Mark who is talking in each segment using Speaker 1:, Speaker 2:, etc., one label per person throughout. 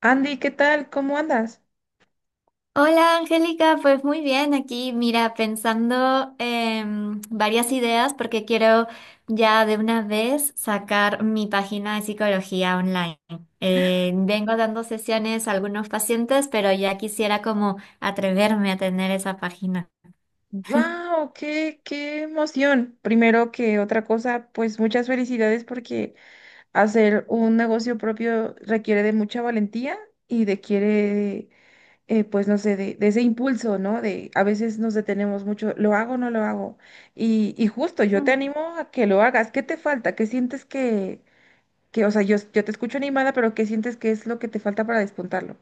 Speaker 1: Andy, ¿qué tal? ¿Cómo andas?
Speaker 2: Hola Angélica, pues muy bien, aquí mira, pensando en varias ideas porque quiero ya de una vez sacar mi página de psicología online. Vengo dando sesiones a algunos pacientes, pero ya quisiera como atreverme a tener esa página.
Speaker 1: ¡Wow! ¡Qué, qué emoción! Primero que otra cosa, pues muchas felicidades porque hacer un negocio propio requiere de mucha valentía y de quiere, pues no sé, de ese impulso, ¿no? De a veces nos detenemos mucho, ¿lo hago o no lo hago? Y justo, yo te animo a que lo hagas. ¿Qué te falta? ¿Qué sientes que, o sea, yo te escucho animada, pero ¿qué sientes que es lo que te falta para despuntarlo?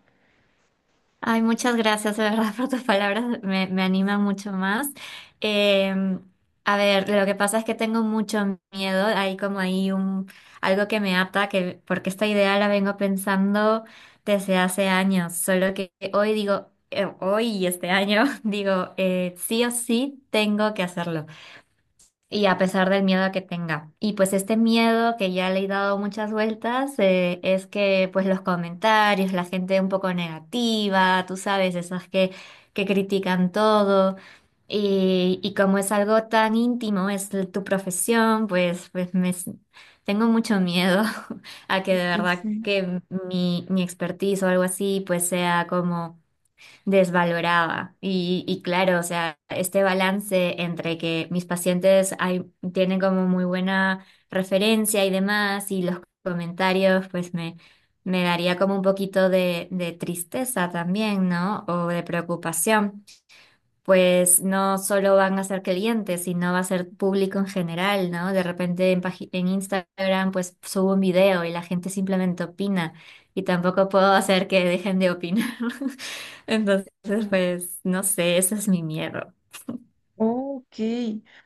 Speaker 2: Ay, muchas gracias, de verdad, por tus palabras, me anima mucho más. Eh, a ver, lo que pasa es que tengo mucho miedo, hay como ahí algo que me ata, porque esta idea la vengo pensando desde hace años, solo que hoy digo, hoy y este año digo, sí o sí tengo que hacerlo. Y a pesar del miedo que tenga. Y pues este miedo que ya le he dado muchas vueltas es que pues los comentarios, la gente un poco negativa, tú sabes, esas que critican todo. Y como es algo tan íntimo, es tu profesión, pues tengo mucho miedo a que de
Speaker 1: Ya
Speaker 2: verdad
Speaker 1: sé.
Speaker 2: que mi expertise o algo así pues sea como desvaloraba. Y claro, o sea, este balance entre que mis pacientes hay, tienen como muy buena referencia y demás, y los comentarios, me daría como un poquito de tristeza también, ¿no? O de preocupación pues no solo van a ser clientes, sino va a ser público en general, ¿no? De repente en, en Instagram pues subo un video y la gente simplemente opina y tampoco puedo hacer que dejen de opinar. Entonces, pues no sé, ese es mi miedo.
Speaker 1: Ok,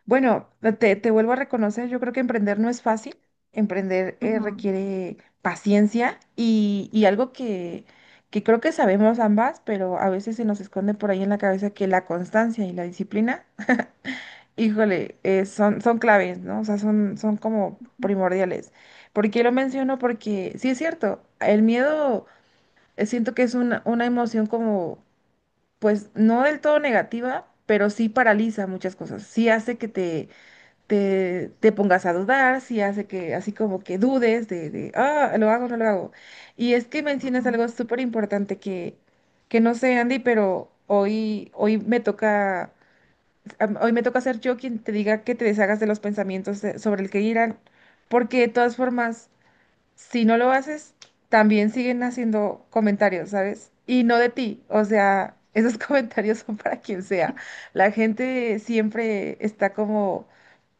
Speaker 1: bueno, te vuelvo a reconocer, yo creo que emprender no es fácil, emprender
Speaker 2: Ujú,
Speaker 1: requiere paciencia y algo que creo que sabemos ambas, pero a veces se nos esconde por ahí en la cabeza que la constancia y la disciplina, híjole, son, son claves, ¿no? O sea, son, son como primordiales. ¿Por qué lo menciono? Porque sí es cierto, el miedo siento que es una emoción como, pues no del todo negativa, pero sí paraliza muchas cosas, sí hace que te te pongas a dudar, si hace que así como que dudes de, ah, lo hago no lo hago. Y es que mencionas algo súper importante que no sé, Andy, pero hoy, hoy me toca, hoy me toca ser yo quien te diga que te deshagas de los pensamientos sobre el que irán, porque de todas formas si no lo haces, también siguen haciendo comentarios, ¿sabes? Y no de ti, o sea, esos comentarios son para quien sea. La gente siempre está como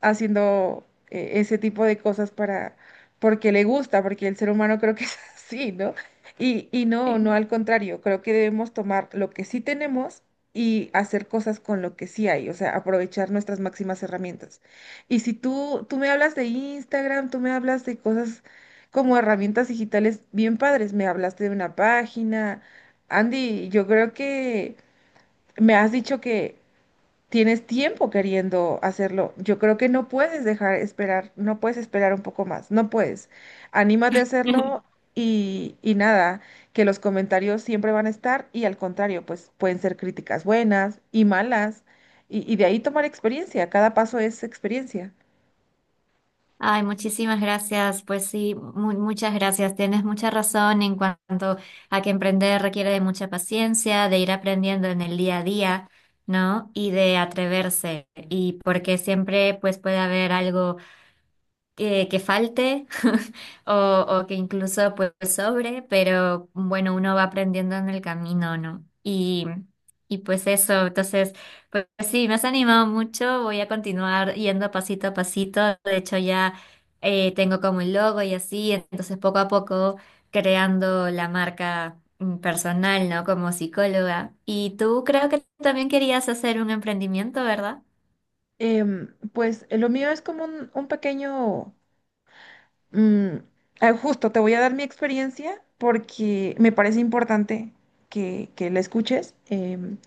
Speaker 1: haciendo ese tipo de cosas para, porque le gusta, porque el ser humano creo que es así, ¿no? Y no, no
Speaker 2: ujú.
Speaker 1: al contrario, creo que debemos tomar lo que sí tenemos. Y hacer cosas con lo que sí hay, o sea, aprovechar nuestras máximas herramientas. Y si tú, tú me hablas de Instagram, tú me hablas de cosas como herramientas digitales bien padres. Me hablaste de una página. Andy, yo creo que me has dicho que tienes tiempo queriendo hacerlo. Yo creo que no puedes dejar esperar, no puedes esperar un poco más, no puedes. Anímate a hacerlo y nada, que los comentarios siempre van a estar y al contrario, pues pueden ser críticas buenas y malas. Y de ahí tomar experiencia, cada paso es experiencia.
Speaker 2: Ay, muchísimas gracias. Pues sí, muchas gracias. Tienes mucha razón en cuanto a que emprender requiere de mucha paciencia, de ir aprendiendo en el día a día, ¿no? Y de atreverse. Y porque siempre pues puede haber algo que falte o que incluso pues sobre, pero bueno, uno va aprendiendo en el camino, ¿no? Y pues eso, entonces, pues sí, me has animado mucho, voy a continuar yendo pasito a pasito, de hecho ya tengo como el logo y así, entonces poco a poco creando la marca mm, personal, ¿no? Como psicóloga. Y tú creo que también querías hacer un emprendimiento, ¿verdad?
Speaker 1: Pues lo mío es como un pequeño mm, ah, justo te voy a dar mi experiencia porque me parece importante que la escuches.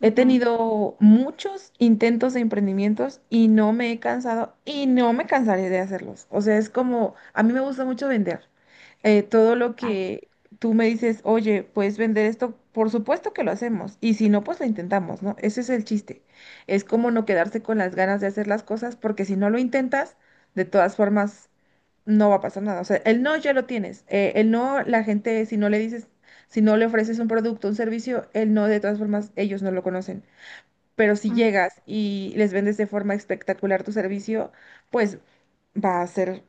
Speaker 1: He tenido muchos intentos de emprendimientos y no me he cansado y no me cansaré de hacerlos. O sea, es como, a mí me gusta mucho vender. Todo lo
Speaker 2: Ay.
Speaker 1: que tú me dices, oye, puedes vender esto, por supuesto que lo hacemos. Y si no, pues lo intentamos, ¿no? Ese es el chiste. Es como no quedarse con las ganas de hacer las cosas porque si no lo intentas, de todas formas no va a pasar nada. O sea, el no ya lo tienes. El no, la gente, si no le dices si no le ofreces un producto, un servicio, él no, de todas formas, ellos no lo conocen. Pero si
Speaker 2: Mm.
Speaker 1: llegas y les vendes de forma espectacular tu servicio, pues va a ser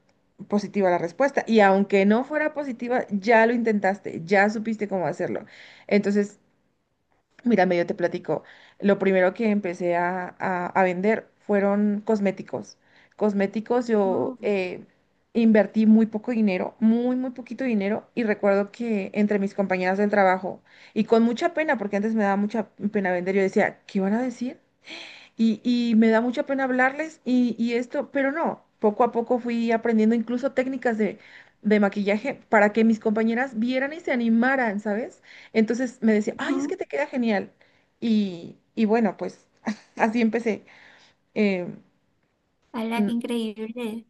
Speaker 1: positiva la respuesta. Y aunque no fuera positiva, ya lo intentaste, ya supiste cómo hacerlo. Entonces, mira, medio te platico. Lo primero que empecé a vender fueron cosméticos. Cosméticos, yo
Speaker 2: Mm.
Speaker 1: invertí muy poco dinero, muy, muy poquito dinero. Y recuerdo que entre mis compañeras del trabajo, y con mucha pena, porque antes me daba mucha pena vender, yo decía, ¿qué van a decir? Y me da mucha pena hablarles y esto, pero no, poco a poco fui aprendiendo incluso técnicas de maquillaje para que mis compañeras vieran y se animaran, ¿sabes? Entonces me decía, ay, es
Speaker 2: Ujú.
Speaker 1: que te queda genial. Y bueno, pues así empecé. Em,
Speaker 2: Hola,
Speaker 1: mm,
Speaker 2: qué increíble.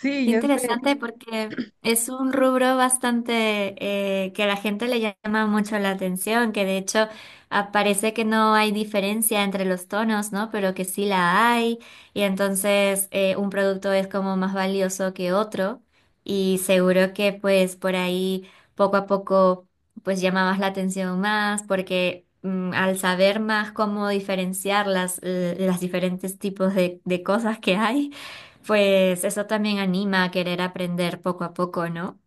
Speaker 1: sí,
Speaker 2: Qué
Speaker 1: ya sé.
Speaker 2: interesante porque es un rubro bastante que a la gente le llama mucho la atención, que de hecho aparece que no hay diferencia entre los tonos, ¿no? Pero que sí la hay y entonces un producto es como más valioso que otro y seguro que pues por ahí poco a poco pues llamabas la atención más porque mm, al saber más cómo diferenciar las diferentes tipos de cosas que hay pues eso también anima a querer aprender poco a poco, ¿no?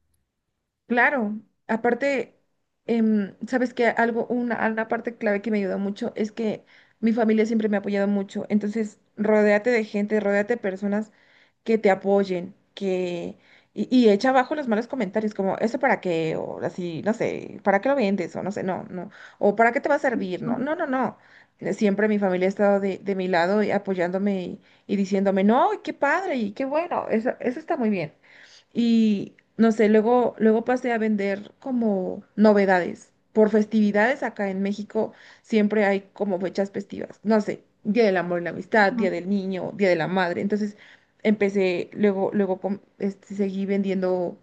Speaker 1: Claro, aparte, sabes que algo, una parte clave que me ayudó mucho es que mi familia siempre me ha apoyado mucho. Entonces, rodéate de gente, rodéate de personas que te apoyen, que, y echa abajo los malos comentarios, como, ¿eso para qué? O así, no sé, ¿para qué lo vendes? O no sé, no, no. O ¿para qué te va a servir? No, no, no, no. Siempre mi familia ha estado de mi lado y apoyándome y diciéndome, no, qué padre y qué bueno, eso está muy bien. Y no sé, luego, luego pasé a vender como novedades. Por festividades acá en México siempre hay como fechas festivas. No sé, Día del Amor y la Amistad,
Speaker 2: Ujú,
Speaker 1: Día del Niño, Día de la Madre. Entonces empecé, luego, este, seguí vendiendo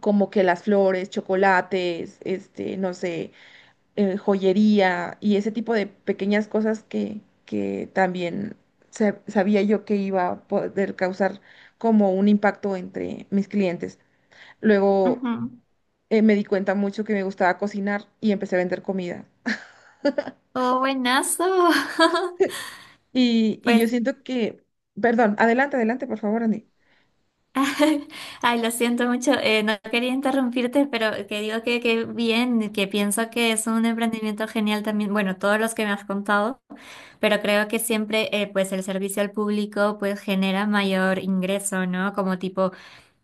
Speaker 1: como que las flores, chocolates, este, no sé, joyería y ese tipo de pequeñas cosas que también sabía yo que iba a poder causar como un impacto entre mis clientes. Luego
Speaker 2: ujú.
Speaker 1: me di cuenta mucho que me gustaba cocinar y empecé a vender comida.
Speaker 2: Oh, buenazo.
Speaker 1: Y
Speaker 2: Pues,
Speaker 1: yo siento que, perdón, adelante, adelante, por favor, Andy.
Speaker 2: ay, lo siento mucho. No quería interrumpirte, pero que digo que bien, que pienso que es un emprendimiento genial también. Bueno, todos los que me has contado, pero creo que siempre, pues el servicio al público, pues genera mayor ingreso, ¿no? Como tipo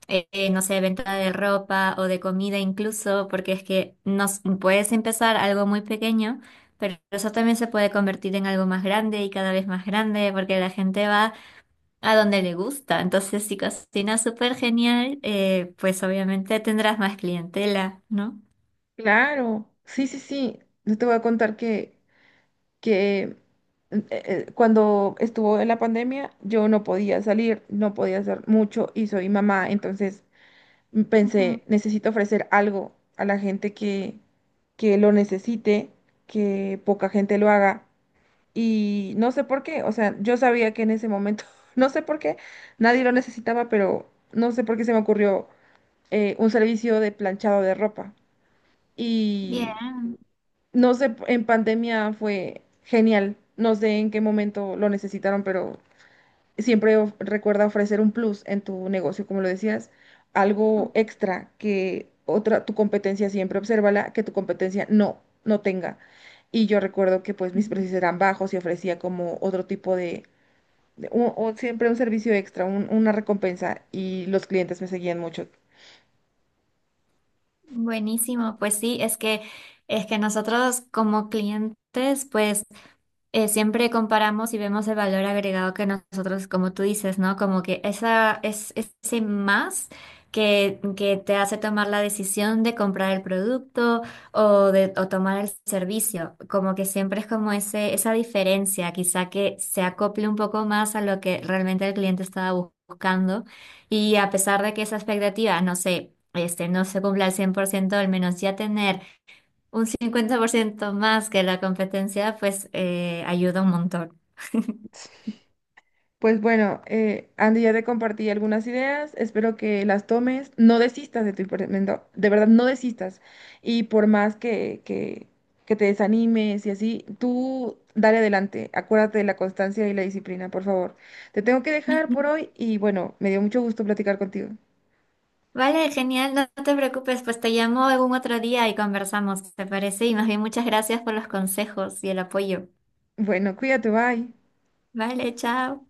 Speaker 2: no sé, venta de ropa o de comida incluso, porque es que nos puedes empezar algo muy pequeño, pero eso también se puede convertir en algo más grande y cada vez más grande, porque la gente va a donde le gusta. Entonces, si cocinas súper genial, pues obviamente tendrás más clientela, ¿no?
Speaker 1: Claro, sí, sí, sí. Yo te voy a contar que, que cuando estuvo en la pandemia, yo no podía salir, no podía hacer mucho y soy mamá, entonces
Speaker 2: Ujú.
Speaker 1: pensé, necesito ofrecer algo a la gente que lo necesite, que poca gente lo haga. Y no sé por qué, o sea, yo sabía que en ese momento, no sé por qué, nadie lo necesitaba, pero no sé por qué se me ocurrió un servicio de planchado de ropa. Y
Speaker 2: Bien.
Speaker 1: no sé, en pandemia fue genial, no sé en qué momento lo necesitaron, pero siempre recuerda ofrecer un plus en tu negocio, como lo decías, algo extra que otra, tu competencia siempre obsérvala, que tu competencia no, no tenga. Y yo recuerdo que pues mis precios eran bajos y ofrecía como otro tipo de o siempre un servicio extra, una recompensa y los clientes me seguían mucho.
Speaker 2: Buenísimo, pues sí, es que nosotros como clientes, pues siempre comparamos y vemos el valor agregado que nosotros, como tú dices, ¿no? Como que esa, es, ese más que te hace tomar la decisión de comprar el producto o de o tomar el servicio. Como que siempre es como ese, esa diferencia, quizá que se acople un poco más a lo que realmente el cliente estaba buscando. Y a pesar de que esa expectativa, no sé, este, no se cumpla al 100% al menos ya tener un 50% más que la competencia, pues ayuda un montón.
Speaker 1: Pues bueno, Andy, ya te compartí algunas ideas, espero que las tomes, no desistas de tu emprendimiento, de verdad no desistas y por más que te desanimes y así, tú dale adelante, acuérdate de la constancia y la disciplina, por favor. Te tengo que dejar por hoy y bueno, me dio mucho gusto platicar contigo.
Speaker 2: Vale, genial, no no te preocupes, pues te llamo algún otro día y conversamos, ¿te parece? Y más bien muchas gracias por los consejos y el apoyo.
Speaker 1: Bueno, cuídate, bye.
Speaker 2: Vale, chao.